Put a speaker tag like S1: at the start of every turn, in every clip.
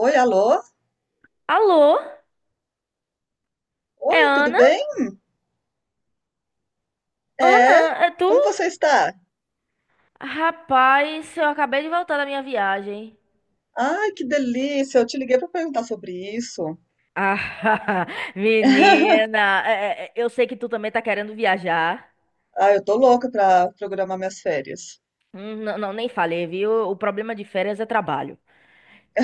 S1: Oi, alô?
S2: Alô? É
S1: Oi, tudo
S2: Ana?
S1: bem?
S2: Ana,
S1: É,
S2: é tu?
S1: como você está?
S2: Rapaz, eu acabei de voltar da minha viagem.
S1: Ai, que delícia! Eu te liguei para perguntar sobre isso.
S2: Ah, menina, eu sei que tu também tá querendo viajar.
S1: Ah, eu tô louca para programar minhas férias.
S2: Hum. Não, não, nem falei, viu? O problema de férias é trabalho.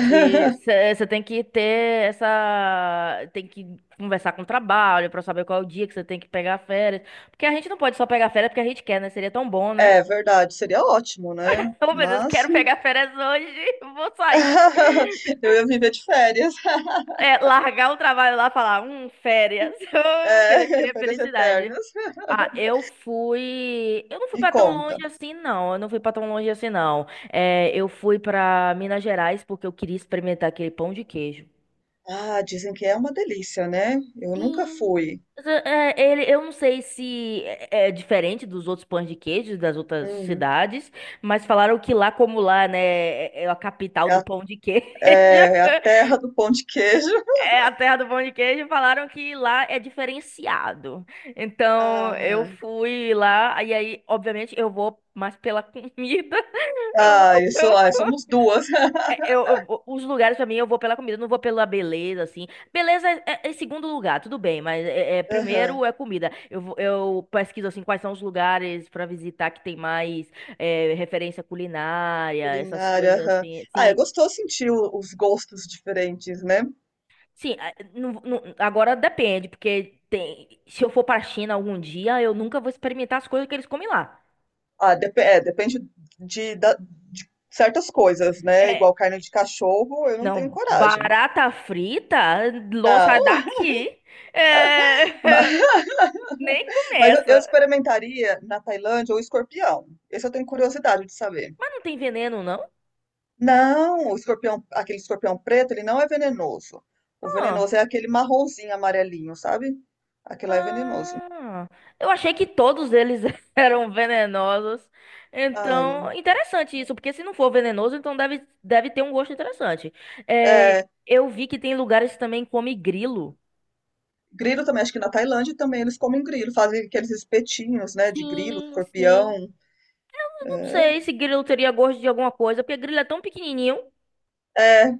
S2: Que você tem que ter essa. Tem que conversar com o trabalho pra saber qual é o dia que você tem que pegar férias. Porque a gente não pode só pegar férias porque a gente quer, né? Seria tão bom, né?
S1: É verdade, seria ótimo, né?
S2: Oh, meu Deus,
S1: Mas
S2: quero pegar férias hoje, vou sair.
S1: eu ia viver de férias.
S2: É, largar o trabalho lá e falar, férias.
S1: É,
S2: Seria
S1: férias
S2: felicidade.
S1: eternas.
S2: Ah, eu fui. Eu não fui
S1: Me
S2: pra tão longe
S1: conta.
S2: assim, não. Eu não fui pra tão longe assim, não. É, eu fui pra Minas Gerais porque eu queria experimentar aquele pão de queijo.
S1: Ah, dizem que é uma delícia, né? Eu nunca
S2: Sim.
S1: fui.
S2: Mas, é, ele, eu não sei se é diferente dos outros pães de queijo das outras
S1: Hum,
S2: cidades, mas falaram que lá, como lá, né, é a capital
S1: é
S2: do
S1: a,
S2: pão de queijo.
S1: é é a terra do pão de queijo.
S2: É a terra do pão de queijo, falaram que lá é diferenciado. Então, eu
S1: Ah,
S2: fui lá, e aí, obviamente, eu vou mais pela comida. Eu, vou-
S1: ah, isso,
S2: eu,
S1: ah,
S2: vou-
S1: somos duas.
S2: é, eu vou- Os lugares, pra mim, eu vou pela comida, eu não vou pela beleza, assim. Beleza é, é segundo lugar, tudo bem, mas é, primeiro
S1: Aham,
S2: é comida. Eu pesquiso, assim, quais são os lugares pra visitar que tem mais referência culinária, essas
S1: culinária,
S2: coisas
S1: aham.
S2: assim.
S1: Ah, é
S2: Sim.
S1: gostoso sentir os gostos diferentes, né?
S2: Sim, agora depende, porque tem, se eu for para a China algum dia, eu nunca vou experimentar as coisas que eles comem lá.
S1: Ah, é, depende de, de certas coisas, né?
S2: É,
S1: Igual carne de cachorro, eu não tenho
S2: não,
S1: coragem.
S2: barata frita,
S1: Ah,
S2: sai daqui. É,
S1: ma-
S2: nem
S1: mas, eu
S2: começa.
S1: experimentaria na Tailândia o escorpião. Esse eu tenho curiosidade de saber.
S2: Mas não tem veneno, não?
S1: Não, o escorpião, aquele escorpião preto, ele não é venenoso. O
S2: Ah,
S1: venenoso é aquele marronzinho, amarelinho, sabe? Aquele lá é venenoso.
S2: ah, eu achei que todos eles eram venenosos. Então,
S1: Ai,
S2: interessante isso, porque se não for venenoso, então deve, deve ter um gosto interessante. É,
S1: é.
S2: eu vi que tem lugares que também come grilo.
S1: Grilo também, acho que na Tailândia também eles comem grilo, fazem aqueles espetinhos, né, de grilo,
S2: Sim, sim.
S1: escorpião.
S2: Não sei se grilo teria gosto de alguma coisa, porque grilo é tão pequenininho.
S1: É,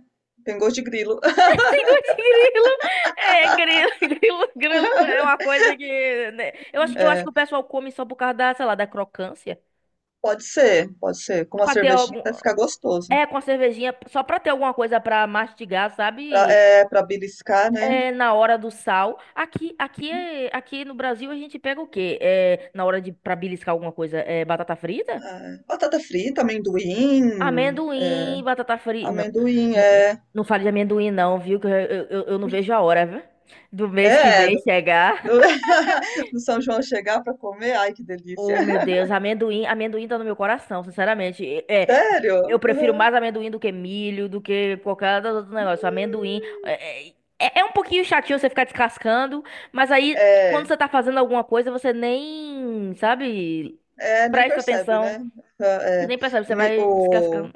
S1: tem gosto de grilo.
S2: Sem gosto de grilo. É, grilo, grilo é uma coisa que, né? Eu acho que
S1: É,
S2: o pessoal come só por causa da, sei lá, da crocância.
S1: pode ser, pode ser. Com
S2: É,
S1: uma
S2: pra ter
S1: cervejinha
S2: algum...
S1: vai ficar gostoso.
S2: É, com a cervejinha, só pra ter alguma coisa pra mastigar,
S1: Pra,
S2: sabe?
S1: é, pra beliscar, né?
S2: É, na hora do sal. Aqui no Brasil a gente pega o quê? É, na hora de, pra beliscar alguma coisa, é batata frita?
S1: É, batata frita, amendoim.
S2: Amendoim, batata frita. Não,
S1: Amendoim,
S2: não,
S1: é.
S2: não fale de amendoim, não, viu? Que eu não vejo a hora, viu? Do mês que
S1: É,
S2: vem chegar.
S1: do- do São João chegar pra comer, ai que delícia.
S2: Oh, meu Deus, amendoim tá no meu coração, sinceramente. É,
S1: Sério?
S2: eu prefiro
S1: Aham.
S2: mais amendoim do que milho, do que qualquer outro negócio. Amendoim é, é, é um pouquinho chatinho você ficar descascando, mas aí quando
S1: É,
S2: você tá fazendo alguma coisa, você nem, sabe,
S1: é, nem
S2: presta
S1: percebe,
S2: atenção.
S1: né? Aham,
S2: Você
S1: é,
S2: nem percebe, você
S1: mi-
S2: vai
S1: o,
S2: descascando.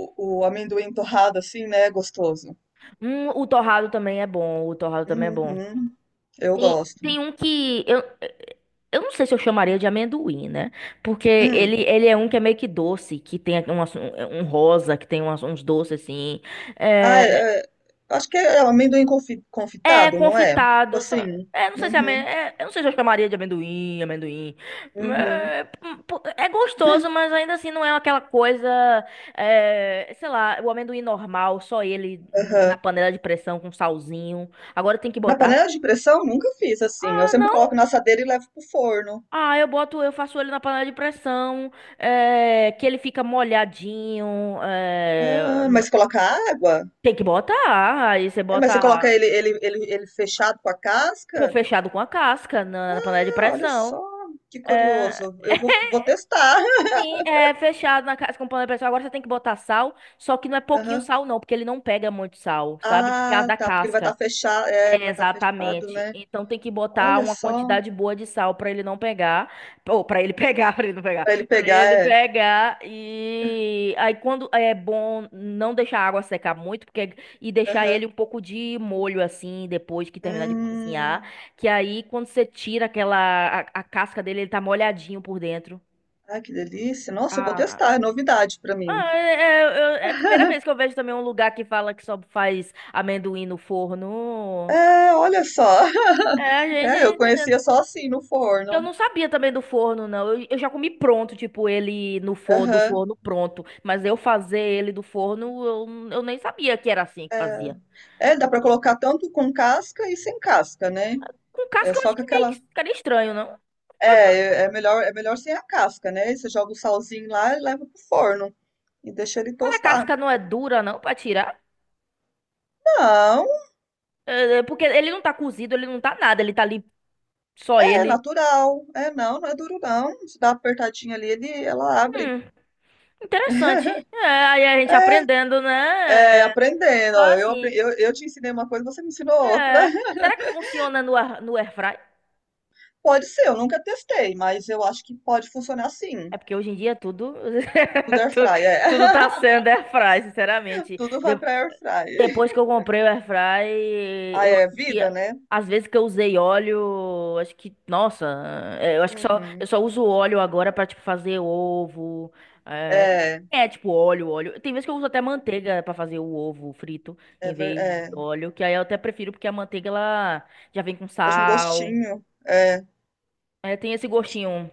S1: o amendoim torrado assim, né? Gostoso.
S2: O torrado também é bom.
S1: Uhum, eu gosto.
S2: Tem um que eu não sei se eu chamaria de amendoim, né? Porque
S1: Hum.
S2: ele é um que é meio que doce, que tem um rosa, que tem uns doces assim.
S1: Ah,
S2: É,
S1: é, é, acho que é amendoim
S2: é
S1: confitado, não é? Tipo
S2: confitado.
S1: assim.
S2: É, não sei se
S1: Uhum,
S2: eu não sei se eu chamaria de amendoim.
S1: uhum.
S2: É, pô, é gostoso, mas ainda assim não é aquela coisa. É, sei lá, o amendoim normal, só ele na
S1: Aham.
S2: panela de pressão com salzinho. Agora tem que
S1: Na panela
S2: botar.
S1: de pressão, nunca fiz assim. Eu
S2: Ah
S1: sempre
S2: não
S1: coloco na assadeira e levo pro forno.
S2: Ah, eu boto, eu faço ele na panela de pressão, é, que ele fica molhadinho.
S1: Ah,
S2: É,
S1: mas coloca água?
S2: tem que botar. Aí você
S1: É, mas você coloca
S2: bota
S1: ele fechado com a
S2: com
S1: casca?
S2: fechado com a casca na panela de
S1: Ah, olha só,
S2: pressão.
S1: que
S2: É,
S1: curioso. Vou testar.
S2: sim, é fechado na casca com panela de pressão. Agora você tem que botar sal, só que não é pouquinho
S1: Aham.
S2: sal, não, porque ele não pega muito sal, sabe? Por causa
S1: Ah,
S2: da
S1: tá, porque ele vai estar
S2: casca.
S1: fechado. É, ele vai estar fechado,
S2: Exatamente.
S1: né?
S2: Então tem que botar
S1: Olha
S2: uma
S1: só,
S2: quantidade boa de sal para ele não pegar, ou para ele pegar, para ele não pegar,
S1: pra ele
S2: para
S1: pegar
S2: ele
S1: é.
S2: pegar e aí quando é bom não deixar a água secar muito, porque e deixar
S1: Aham.
S2: ele um pouco de molho assim depois que terminar de cozinhar,
S1: Hum.
S2: que aí quando você tira aquela a casca dele, ele tá molhadinho por dentro.
S1: Ai, que delícia. Nossa, eu vou
S2: Ah,
S1: testar, é novidade pra mim.
S2: ah, é, é a primeira vez que eu vejo também um lugar que fala que só faz amendoim no forno.
S1: É, olha só.
S2: É, a gente
S1: É, eu conhecia
S2: entendeu.
S1: só assim no
S2: Eu
S1: forno.
S2: não sabia também do forno, não. Eu já comi pronto, tipo, ele no forno, do
S1: Aham.
S2: forno pronto. Mas eu fazer ele do forno, eu nem sabia que era assim que
S1: É,
S2: fazia.
S1: é. Dá pra colocar tanto com casca e sem casca, né?
S2: Com
S1: É
S2: casca eu acho
S1: só com
S2: que meio que
S1: aquela.
S2: ficaria estranho, não?
S1: É, é melhor sem a casca, né? Você joga o salzinho lá e leva pro forno e deixa ele
S2: Mas a
S1: tostar.
S2: casca não é dura, não, pra tirar?
S1: Não,
S2: É, porque ele não tá cozido, ele não tá nada, ele tá ali só
S1: é
S2: ele.
S1: natural. É, não, não é duro não. Se dá uma apertadinha ali, ela abre.
S2: Hum, interessante. É, aí a gente aprendendo, né?
S1: É,
S2: É,
S1: aprendendo,
S2: só
S1: ó,
S2: assim.
S1: eu te ensinei uma coisa, você me ensinou outra.
S2: É. Será que funciona no airfry?
S1: Pode ser, eu nunca testei, mas eu acho que pode funcionar sim.
S2: É porque hoje em dia tudo,
S1: Tudo air
S2: tu-
S1: fry, é.
S2: tudo tá sendo airfry, sinceramente.
S1: Tudo vai pra air fry.
S2: Depois que eu comprei o airfry,
S1: Ah,
S2: eu
S1: é
S2: acho
S1: vida,
S2: que
S1: né?
S2: às vezes que eu usei óleo, acho que, nossa, é, eu acho que
S1: Uhum.
S2: só uso óleo agora pra tipo fazer ovo, é,
S1: É,
S2: é, tipo óleo. Tem vezes que eu uso até manteiga pra fazer o ovo frito
S1: é,
S2: em vez de
S1: é,
S2: óleo, que aí eu até prefiro porque a manteiga ela já vem com
S1: deixa um
S2: sal,
S1: gostinho. É,
S2: é, tem esse
S1: deixa-
S2: gostinho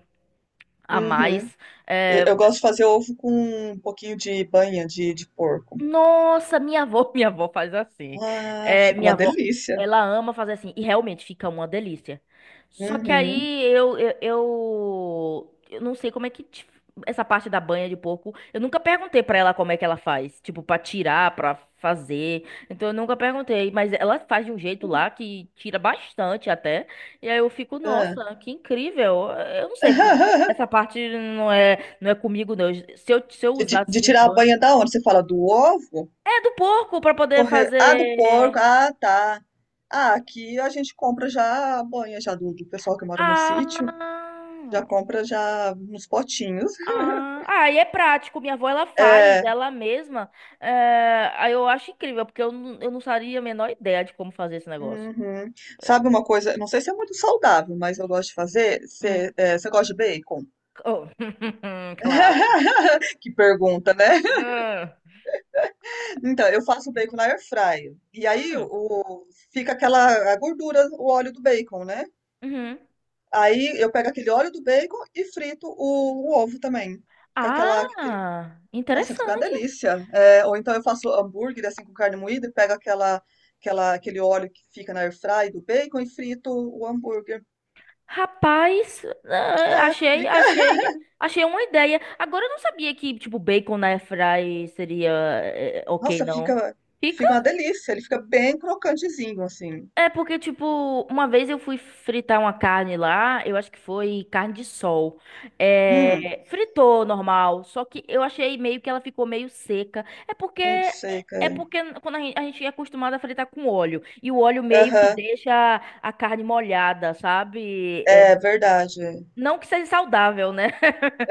S2: a
S1: uhum.
S2: mais.
S1: Eu,
S2: É,
S1: eu gosto de fazer ovo com um pouquinho de banha de porco.
S2: nossa, minha avó, minha avó faz assim.
S1: Ah,
S2: É,
S1: fica
S2: minha
S1: uma
S2: avó,
S1: delícia.
S2: ela ama fazer assim e realmente fica uma delícia. Só que
S1: Uhum.
S2: aí eu não sei como é que essa parte da banha de porco, eu nunca perguntei pra ela como é que ela faz, tipo pra tirar, pra fazer. Então eu nunca perguntei, mas ela faz de um jeito lá que tira bastante até. E aí eu fico,
S1: É.
S2: nossa, que incrível. Eu não sei, essa parte não é comigo não. Se eu
S1: De
S2: usasse
S1: tirar a
S2: banho
S1: banha da onde? Você fala do ovo?
S2: é do porco pra poder
S1: Corre... Ah, do porco.
S2: fazer.
S1: Ah, tá. Ah, aqui a gente compra já a banha já do pessoal que mora no sítio.
S2: Ah,
S1: Já compra já nos potinhos.
S2: ah, e é prático. Minha avó ela faz
S1: É.
S2: ela mesma. É, aí eu acho incrível, porque eu não faria a menor ideia de como fazer esse negócio.
S1: Uhum. Sabe uma coisa? Não sei se é muito saudável, mas eu gosto de fazer. Você
S2: Hum.
S1: é, você gosta de bacon?
S2: Oh, claro.
S1: Que pergunta, né?
S2: Ah.
S1: Então, eu faço bacon na air fryer. E aí
S2: Hum,
S1: o, fica aquela a gordura, o óleo do bacon, né?
S2: uhum.
S1: Aí eu pego aquele óleo do bacon e frito o ovo também. Com aquela, aquele
S2: Ah,
S1: Nossa, fica uma
S2: interessante.
S1: delícia. É, ou então eu faço hambúrguer assim com carne moída e pego aquele óleo que fica na airfry do bacon e frito o hambúrguer.
S2: Rapaz, ah,
S1: É, fica.
S2: achei uma ideia. Agora eu não sabia que, tipo, bacon na airfry seria eh, ok,
S1: Nossa,
S2: não.
S1: fica uma delícia. Ele fica bem crocantezinho assim.
S2: É porque, tipo, uma vez eu fui fritar uma carne lá, eu acho que foi carne de sol.
S1: Hum,
S2: É, fritou normal, só que eu achei meio que ela ficou meio seca.
S1: muito
S2: É
S1: seca.
S2: porque quando a gente é acostumado a fritar com óleo, e o óleo meio que
S1: Aham,
S2: deixa a carne molhada, sabe? É,
S1: é verdade.
S2: não que seja saudável, né?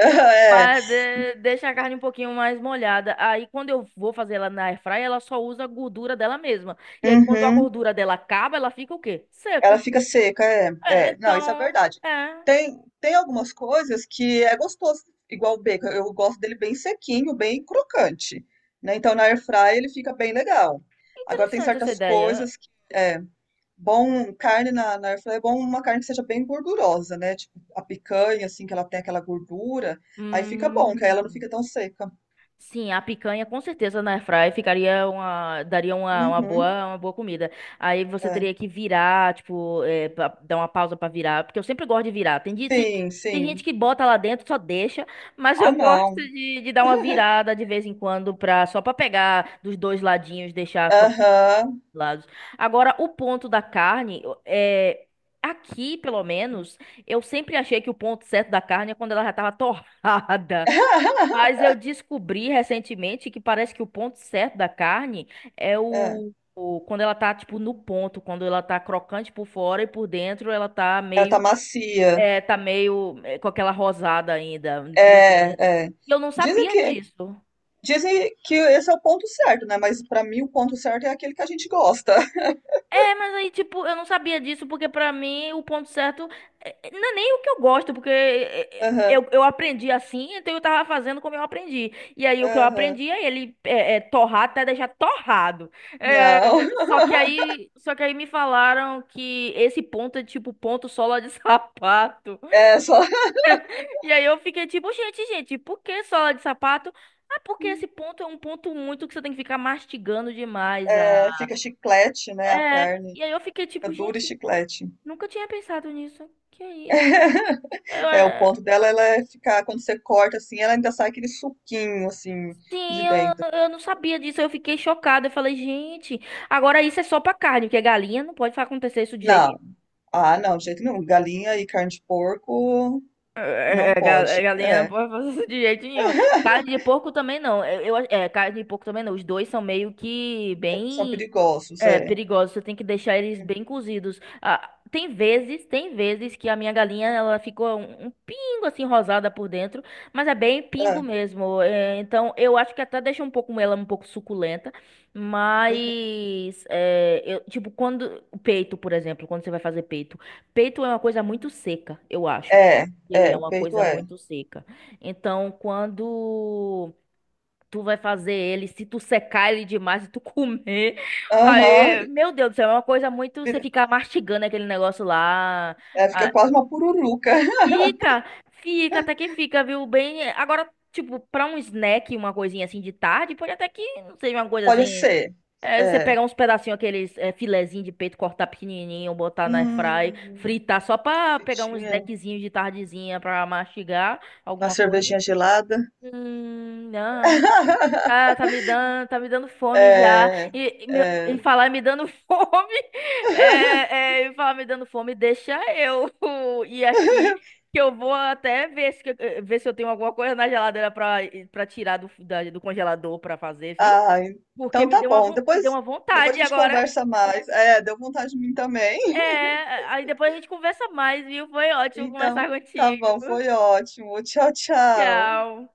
S1: Aham, é.
S2: Mas deixa a carne um pouquinho mais molhada. Aí quando eu vou fazer ela na airfryer, ela só usa a gordura dela mesma. E aí quando a
S1: Uhum.
S2: gordura dela acaba, ela fica o quê?
S1: Ela
S2: Seca.
S1: fica seca, é,
S2: É,
S1: é. Não, isso é
S2: então,
S1: verdade.
S2: é
S1: Tem, tem algumas coisas que é gostoso, igual o bacon. Eu gosto dele bem sequinho, bem crocante, né? Então na air fry ele fica bem legal. Agora tem
S2: interessante essa
S1: certas
S2: ideia.
S1: coisas que é bom. Carne na, na air fry é bom uma carne que seja bem gordurosa, né? Tipo a picanha assim que ela tem aquela gordura, aí fica bom, que aí ela não
S2: Hum.
S1: fica tão seca.
S2: Sim, a picanha com certeza na airfryer ficaria daria
S1: Uhum,
S2: uma boa comida. Aí você
S1: é.
S2: teria que virar, tipo, é, dar uma pausa pra virar, porque eu sempre gosto de virar.
S1: Sim,
S2: Tem gente
S1: sim.
S2: que bota lá dentro, só deixa, mas
S1: Ah,
S2: eu gosto
S1: não.
S2: de dar uma virada de vez em quando pra, só pra pegar dos dois ladinhos,
S1: Aham.
S2: lados. Agora, o ponto da carne é aqui, pelo menos, eu sempre achei que o ponto certo da carne é quando ela já tava torrada. Mas eu descobri recentemente que parece que o ponto certo da carne é
S1: É,
S2: quando ela tá tipo no ponto, quando ela tá crocante por fora e por dentro ela
S1: ela tá macia.
S2: tá meio é, com aquela rosada ainda por dentro.
S1: É, é.
S2: E eu não
S1: Dizem
S2: sabia
S1: que
S2: disso.
S1: dizem que esse é o ponto certo, né? Mas pra mim o ponto certo é aquele que a gente gosta.
S2: É, mas aí, tipo, eu não sabia disso, porque pra mim o ponto certo não é nem o que eu gosto, porque
S1: Aham,
S2: eu aprendi assim, então eu tava fazendo como eu aprendi. E aí o que eu
S1: aham.
S2: aprendi é ele é torrar até deixar torrado. É,
S1: Não.
S2: só que aí me falaram que esse ponto é tipo ponto sola de sapato.
S1: É só
S2: E aí eu fiquei tipo, gente, por que sola de sapato? Ah, porque esse ponto é um ponto muito que você tem que ficar mastigando demais.
S1: é,
S2: Ah.
S1: fica chiclete, né? A
S2: É,
S1: carne
S2: e aí eu fiquei tipo,
S1: fica dura e
S2: gente.
S1: chiclete.
S2: Nunca tinha pensado nisso. Que é isso? Eu,
S1: É, o
S2: é,
S1: ponto dela ela é ficar quando você corta assim, ela ainda sai aquele suquinho assim de dentro.
S2: eu não sabia disso. Eu fiquei chocada. Eu falei, gente, agora isso é só pra carne, porque galinha não pode acontecer isso de jeito
S1: Não.
S2: nenhum.
S1: Ah, não, de jeito nenhum. Galinha e carne de porco não pode.
S2: Galinha não
S1: É.
S2: pode fazer isso de jeito nenhum. Carne de porco também não. Carne de porco também não. Os dois são meio que
S1: São
S2: bem.
S1: perigosos,
S2: É
S1: é.
S2: perigoso, você tem que deixar eles bem cozidos. Ah, tem vezes que a minha galinha ela ficou um, um pingo assim rosada por dentro, mas é bem pingo
S1: É,
S2: mesmo. É, então eu acho que até deixa um pouco ela um pouco suculenta,
S1: uhum.
S2: mas é, tipo quando o peito, por exemplo, quando você vai fazer peito, peito é uma coisa muito seca, eu acho.
S1: É,
S2: Ele
S1: é,
S2: é
S1: o
S2: uma
S1: peito
S2: coisa
S1: é.
S2: muito seca. Então quando tu vai fazer ele, se tu secar ele demais, se tu comer.
S1: Aham,
S2: Aí, meu Deus do céu, é uma coisa muito. Você
S1: vira-
S2: ficar mastigando aquele negócio lá.
S1: é, fica
S2: Ah,
S1: quase uma pururuca.
S2: fica, fica, até que fica, viu? Bem. Agora, tipo, pra um snack, uma coisinha assim de tarde, pode até que não seja uma coisa
S1: Pode
S2: assim.
S1: ser.
S2: É, você
S1: É.
S2: pegar uns pedacinhos, aqueles é, filezinho de peito, cortar pequenininho, botar na airfry,
S1: Hum,
S2: fritar, só pra pegar um
S1: fritinha,
S2: snackzinho de tardezinha pra mastigar
S1: uma
S2: alguma coisa.
S1: cervejinha gelada.
S2: Não. Tá me dando fome já.
S1: É,
S2: E me- em
S1: é.
S2: falar me dando em falar me dando fome, deixa eu ir aqui, que eu vou até ver se, ver se eu tenho alguma coisa na geladeira pra, pra tirar do congelador pra fazer, viu?
S1: Ah,
S2: Porque
S1: então
S2: me
S1: tá
S2: deu uma,
S1: bom.
S2: me deu
S1: Depois,
S2: uma
S1: depois
S2: vontade
S1: a gente
S2: agora.
S1: conversa mais. É, deu vontade de mim também.
S2: É, aí depois a gente conversa mais, viu? Foi ótimo conversar
S1: Então, tá
S2: contigo.
S1: bom, foi ótimo. Tchau, tchau.
S2: Tchau.